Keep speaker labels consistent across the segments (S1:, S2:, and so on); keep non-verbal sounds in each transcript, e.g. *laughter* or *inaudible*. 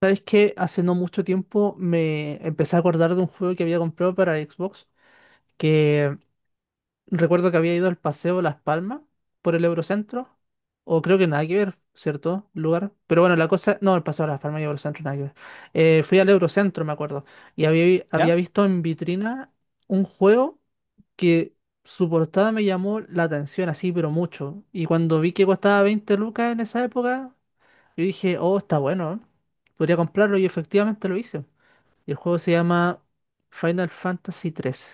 S1: Sabes que hace no mucho tiempo me empecé a acordar de un juego que había comprado para Xbox, que recuerdo que había ido al Paseo Las Palmas por el Eurocentro, o creo que nada que ver, ¿cierto? Lugar. Pero bueno, la cosa, no, el Paseo Las Palmas y Eurocentro nada que ver. Fui al Eurocentro, me acuerdo, y
S2: ¿Ya?
S1: había visto en vitrina un juego que su portada me llamó la atención así, pero mucho. Y cuando vi que costaba 20 lucas en esa época, yo dije, oh, está bueno, ¿eh? Podría comprarlo y efectivamente lo hice. Y el juego se llama Final Fantasy tres.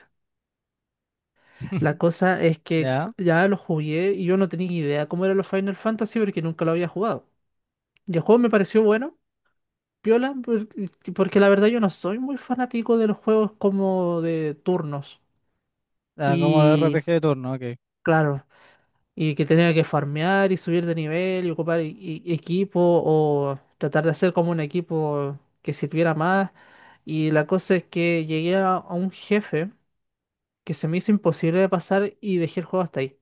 S1: La
S2: *laughs*
S1: cosa es que
S2: ¿Ya?
S1: ya lo jugué y yo no tenía idea cómo eran los Final Fantasy porque nunca lo había jugado. Y el juego me pareció bueno, piola, por- porque la verdad yo no soy muy fanático de los juegos como de turnos.
S2: Ah, como el R P
S1: Y
S2: G de turno, ok.
S1: claro, y que tenía que farmear y subir de nivel y ocupar equipo o tratar de hacer como un equipo que sirviera más. Y la cosa es que llegué a un jefe que se me hizo imposible de pasar y dejé el juego hasta ahí.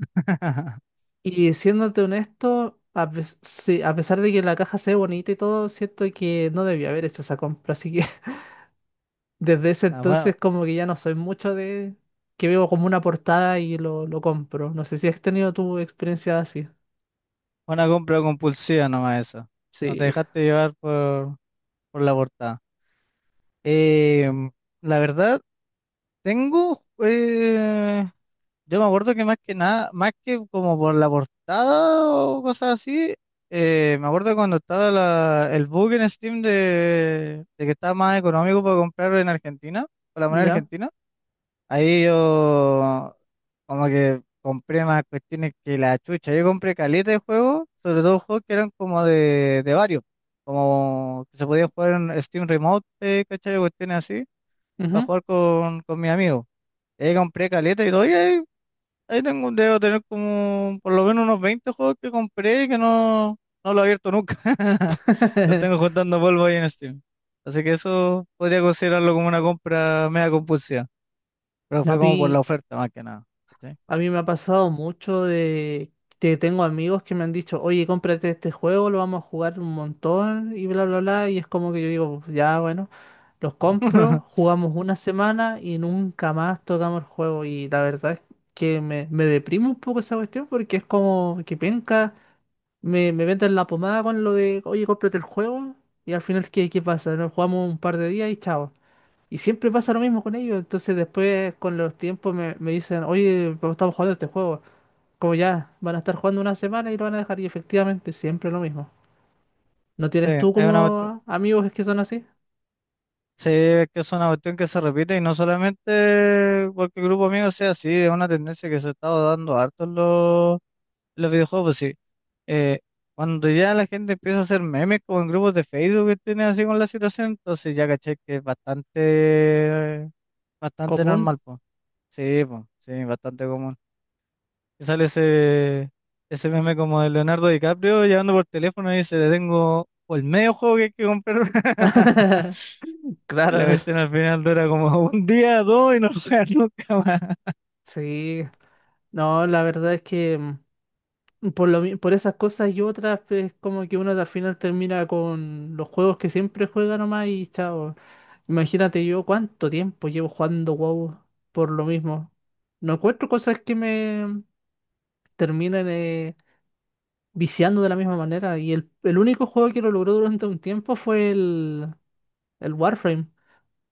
S2: *laughs*
S1: Y siéndote honesto, sí, a pesar de que la caja se ve bonita y todo, siento que no debía haber hecho esa compra. Así que *laughs* desde ese
S2: Ah,
S1: entonces
S2: fue
S1: como que ya no soy mucho de... que veo como una portada y lo compro. No sé si has tenido tu experiencia así.
S2: fue una compra compulsiva nomás eso. No te
S1: Sí.
S2: dejaste llevar por la portada. Eh, la verdad, tengo... eh, yo me acuerdo que más que nada, más que como por la portada o cosas así, me acuerdo cuando estaba el bug en Steam de que estaba más económico para comprar en Argentina, con la moneda
S1: ¿Ya?
S2: argentina. Ahí yo como que compré más cuestiones que la chucha. Yo compré caleta de juegos, sobre todo juegos que eran como de varios, como que se podían jugar en Steam Remote, ¿cachai? Cuestiones así, para
S1: Ujú.
S2: jugar con mis amigos. Y ahí compré caleta y todo, y ahí tengo, debo tener como por lo menos unos 20 juegos que compré y que no lo he abierto nunca. *laughs* Los tengo
S1: *laughs*
S2: juntando polvo ahí en Steam. Así que eso podría considerarlo como una compra mega compulsiva. Pero
S1: A
S2: fue como por la
S1: mí,
S2: oferta más que nada. ¿Cachai?
S1: a mí me ha pasado mucho de que tengo amigos que me han dicho, oye, cómprate este juego, lo vamos a jugar un montón y bla, bla, bla. Y es como que yo digo, ya, bueno, los compro,
S2: *laughs*
S1: jugamos una semana y nunca más tocamos el juego. Y la verdad es que me deprime un poco esa cuestión porque es como que penca, me venden la pomada con lo de, oye, cómprate el juego. Y al final, ¿ qué pasa? Nos jugamos un par de días y chao. Y siempre pasa lo mismo con ellos. Entonces después con los tiempos me dicen, oye, pero estamos jugando este juego. Como ya, van a estar jugando una semana y lo van a dejar. Y efectivamente, siempre lo mismo. ¿No
S2: Sí,
S1: tienes tú como amigos que son así?
S2: sí, es que es una cuestión que se repite y no solamente porque el grupo amigo sea así, es una tendencia que se ha estado dando harto en los videojuegos, pues sí. Eh, cuando ya la gente empieza a hacer memes como en grupos de Facebook que tienen así con la situación, entonces ya caché que es bastante, bastante
S1: Común.
S2: normal, pues. Sí, pues, sí, bastante común. Y sale ese meme como de Leonardo DiCaprio llamando por teléfono y dice, le tengo el medio juego que hay que comprar. *laughs*
S1: *laughs*
S2: Y la
S1: Claro,
S2: cuestión al final dura como *laughs* un día, dos y no juega nunca más.
S1: sí. No, la verdad es que por esas cosas y otras, pues como que uno al final termina con los juegos que siempre juega nomás y chao. Imagínate yo cuánto tiempo llevo jugando WoW por lo mismo. No encuentro cosas que me terminen viciando de la misma manera. Y el único juego que lo logró durante un tiempo fue el Warframe.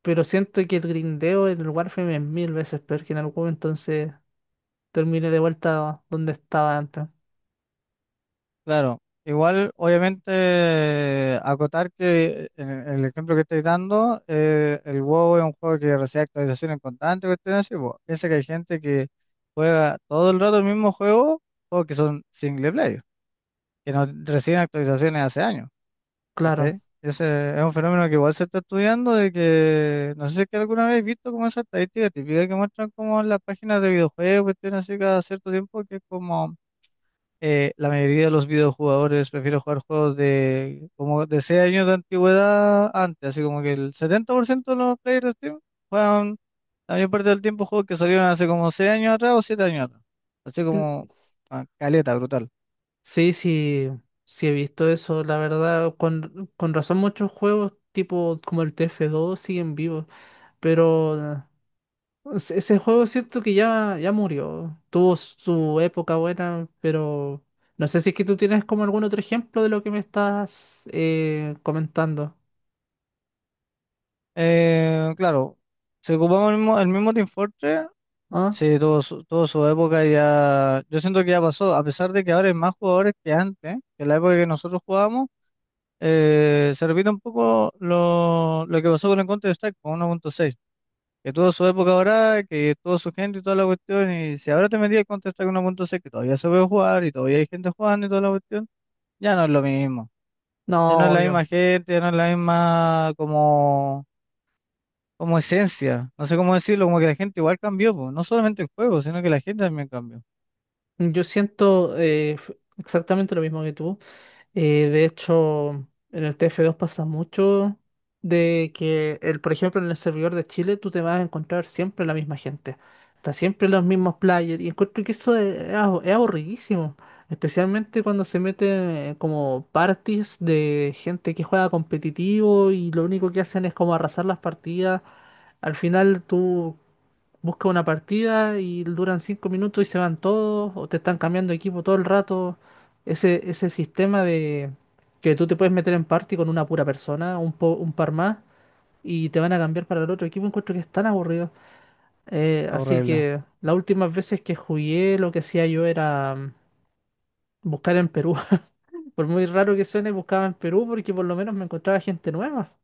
S1: Pero siento que el grindeo en el Warframe es mil veces peor que en el WoW, entonces terminé de vuelta donde estaba antes.
S2: Claro, igual obviamente acotar que en el ejemplo que estoy dando, el WoW es un juego que recibe actualizaciones constantes, cuestiones así, pues, piensa que hay gente que juega todo el rato el mismo juego, juegos que son single player, que no reciben actualizaciones hace años.
S1: Claro.
S2: ¿Cachai? Ese es un fenómeno que igual se está estudiando de que, no sé si es que alguna vez he visto como esa estadística típica que muestran como en las páginas de videojuegos, cuestiones así cada cierto tiempo, que es como la mayoría de los videojugadores prefieren jugar juegos de como de 6 años de antigüedad antes, así como que el 70% de los players de Steam juegan la mayor parte del tiempo juegos que salieron hace como 6 años atrás o 7 años atrás. Así
S1: Mm,
S2: como ah, caleta, brutal.
S1: sí, sí he visto eso. La verdad, con razón muchos juegos tipo como el TF2 siguen vivos. Pero... Ese juego siento que ya murió. Tuvo su época buena, pero no sé si es que tú tienes como algún otro ejemplo de lo que me estás comentando.
S2: Claro, se ocupamos el mismo Team Fortress.
S1: ¿Ah?
S2: Sí, tuvo su época y ya. Yo siento que ya pasó, a pesar de que ahora hay más jugadores que antes, que en la época que nosotros jugábamos, se repite un poco lo que pasó con el Counter-Strike con 1.6, que tuvo su época ahora, que tuvo su gente y toda la cuestión. Y si ahora te metías el Counter-Strike 1.6, que todavía se puede jugar y todavía hay gente jugando y toda la cuestión, ya no es lo mismo. Ya no es
S1: No,
S2: la
S1: obvio.
S2: misma gente, ya no es la misma como esencia. No sé cómo decirlo, como que la gente igual cambió, po. No solamente el juego, sino que la gente también cambió.
S1: Yo siento exactamente lo mismo que tú. De hecho, en el TF2 pasa mucho de que, el, por ejemplo, en el servidor de Chile tú te vas a encontrar siempre la misma gente. Está siempre los mismos players y encuentro que eso es es aburridísimo. Especialmente cuando se meten como parties de gente que juega competitivo y lo único que hacen es como arrasar las partidas. Al final tú busca una partida y duran 5 minutos y se van todos, o te están cambiando de equipo todo el rato. Ese sistema de que tú te puedes meter en party con una pura persona, un par más, y te van a cambiar para el otro equipo, encuentro que es tan aburrido. Así
S2: Horrible.
S1: que las últimas veces que jugué, lo que hacía yo era buscar en Perú. *laughs* Por muy raro que suene, buscaba en Perú porque por lo menos me encontraba gente nueva.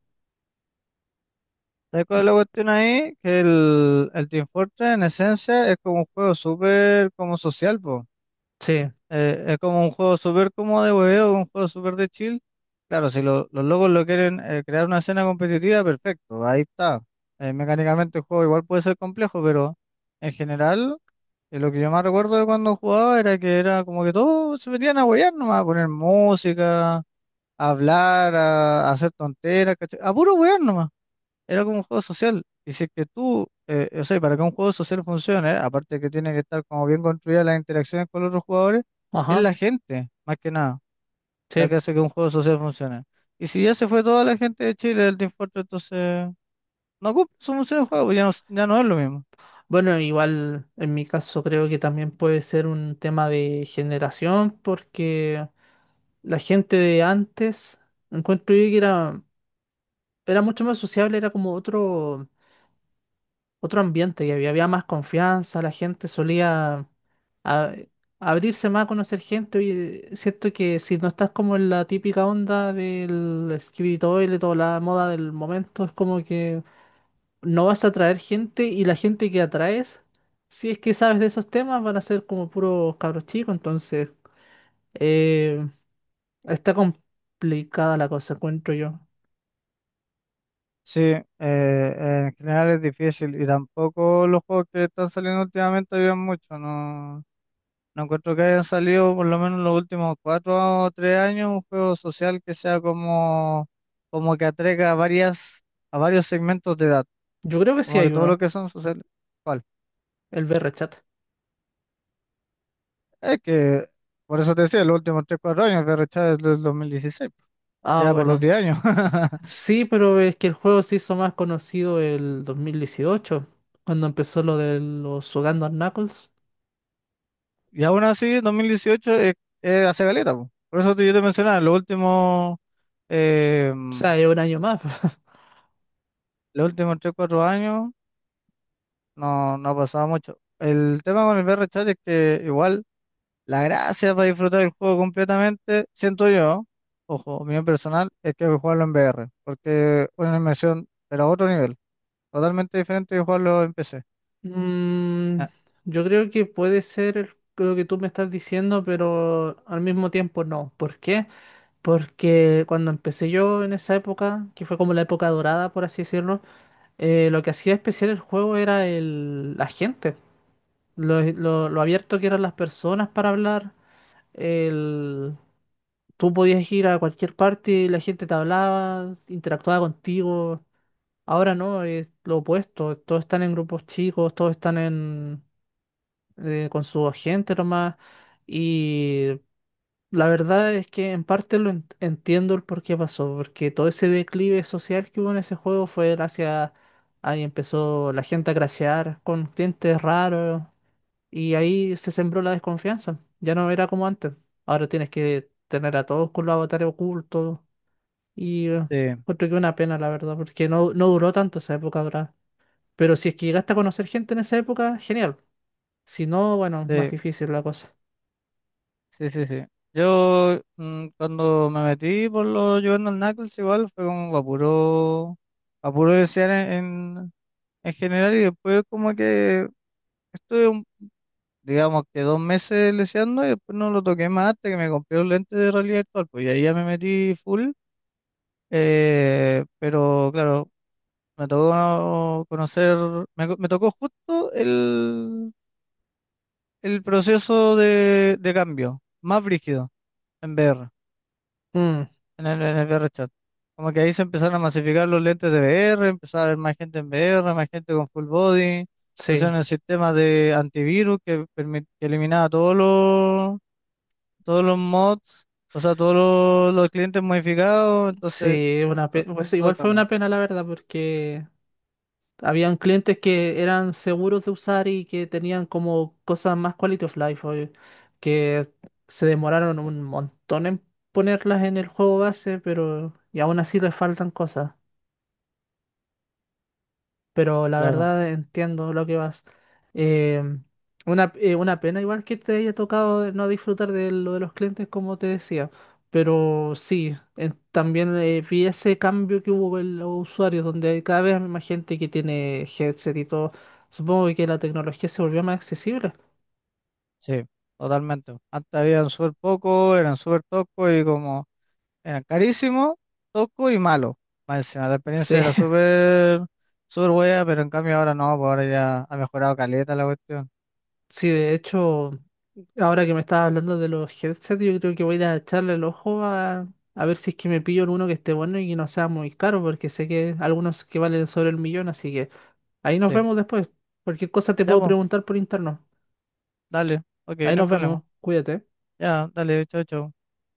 S2: ¿Sabes cuál es la cuestión ahí? Que el Team Fortress en esencia es como un juego súper como social, po.
S1: Sí,
S2: Es como un juego súper como de hueveo, un juego súper de chill. Claro, si los locos lo quieren crear una escena competitiva, perfecto, ahí está. Mecánicamente el juego igual puede ser complejo, pero en general, lo que yo más recuerdo de cuando jugaba era que era como que todos se metían a huevear nomás, a poner música, a hablar, a hacer tonteras, ¿cachai? A puro huevear era como un juego social. Y si es que tú, o sea, para que un juego social funcione, aparte que tiene que estar como bien construida las interacciones con los otros jugadores, es
S1: ajá.
S2: la gente, más que nada, la
S1: Sí,
S2: que hace que un juego social funcione. Y si ya se fue toda la gente de Chile del Team Fortress, entonces no cumple su función el juego, pues ya no es lo mismo.
S1: bueno, igual en mi caso creo que también puede ser un tema de generación, porque la gente de antes, encuentro yo que era mucho más sociable, era como otro, otro ambiente, y había más confianza, la gente solía a- abrirse más a conocer gente. Y siento que si no estás como en la típica onda del escritorio y toda la moda del momento, es como que no vas a atraer gente y la gente que atraes, si es que sabes de esos temas, van a ser como puros cabros chicos, entonces eh, está complicada la cosa, encuentro yo.
S2: Sí, en general es difícil y tampoco los juegos que están saliendo últimamente ayudan mucho, no, no encuentro que hayan salido por lo menos en los últimos cuatro o tres años un juego social que sea como que atraiga a varias, a varios segmentos de edad.
S1: Yo creo que sí
S2: Como que
S1: hay
S2: todo lo
S1: uno,
S2: que son sociales. ¿Cuál?
S1: el VRChat.
S2: Es que, por eso te decía, los últimos tres, cuatro años, que ya es del 2016,
S1: Ah,
S2: ya por los
S1: bueno.
S2: 10 años. *laughs*
S1: Sí, pero es que el juego se hizo más conocido el 2018 cuando empezó lo de los Sugando Knuckles.
S2: Y aún así, 2018 es hace caleta, po. Por eso yo te mencionaba, eh,
S1: O sea, es un año más. *laughs*
S2: los últimos tres, cuatro años no ha pasado mucho. El tema con el VRChat es que igual la gracia para disfrutar el juego completamente, siento yo, ojo, opinión personal, es que hay que jugarlo en VR, porque una inmersión, pero a otro nivel, totalmente diferente de jugarlo en PC.
S1: Mm,
S2: Ah,
S1: yo creo que puede ser lo que tú me estás diciendo, pero al mismo tiempo no. ¿Por qué? Porque cuando empecé yo en esa época, que fue como la época dorada, por así decirlo, lo que hacía especial el juego era la gente, lo abierto que eran las personas para hablar. el- Tú podías ir a cualquier parte y la gente te hablaba, interactuaba contigo. Ahora no, es lo opuesto. Todos están en grupos chicos, todos están en, con su gente nomás. Y la verdad es que en parte lo entiendo el por qué pasó, porque todo ese declive social que hubo en ese juego fue gracias ahí empezó la gente a crashear con clientes raros y ahí se sembró la desconfianza. Ya no era como antes. Ahora tienes que tener a todos con los avatares ocultos y
S2: sí,
S1: encuentro que una pena, la verdad, porque no, no duró tanto esa época, ¿verdad? Pero si es que llegaste a conocer gente en esa época, genial. Si no, bueno, más
S2: sí,
S1: difícil la cosa.
S2: sí, sí, sí. Yo cuando me metí por lo jugando al Knuckles igual fue como a puro desear en general y después como que estuve digamos que 2 meses leseando y después no lo toqué más hasta que me compré los lentes de realidad virtual, pues y ahí ya me metí full. Pero claro, me tocó conocer, me tocó justo el proceso de cambio, más brígido en VR,
S1: Mm,
S2: en el VR chat. Como que ahí se empezaron a masificar los lentes de VR, empezaba a haber más gente en VR, más gente con full body,
S1: sí.
S2: pusieron el sistema de antivirus que eliminaba todos los mods, o sea, todos los clientes modificados, entonces,
S1: Sí,
S2: to-
S1: pues
S2: todo
S1: igual
S2: el
S1: fue una
S2: cambio.
S1: pena la verdad, porque habían clientes que eran seguros de usar y que tenían como cosas más quality of life, oye, que se demoraron un montón en ponerlas en el juego base, pero y aún así les faltan cosas. Pero la
S2: Claro.
S1: verdad entiendo lo que vas. Eh, una pena igual que te haya tocado no disfrutar de lo de los clientes, como te decía, pero sí, también vi ese cambio que hubo en los usuarios, donde hay cada vez más gente que tiene headset y todo. Supongo que la tecnología se volvió más accesible.
S2: Sí, totalmente. Antes habían súper poco, eran súper toscos y como eran carísimos, toscos y malos. Más encima, la experiencia
S1: Sí,
S2: era
S1: *laughs*
S2: súper, súper buena, pero en cambio ahora no, pues ahora ya ha mejorado caleta la cuestión.
S1: sí, de hecho. Ahora que me estás hablando de los headsets, yo creo que voy a ir a echarle el ojo a ver si es que me pillo alguno que esté bueno y que no sea muy caro, porque sé que algunos que valen sobre el millón, así que ahí nos
S2: Sí,
S1: vemos después. Cualquier cosa te
S2: ya
S1: puedo
S2: pues,
S1: preguntar por interno.
S2: dale, ok,
S1: Ahí
S2: no hay
S1: nos vemos,
S2: problema.
S1: cuídate.
S2: Ya, dale, chao, chao.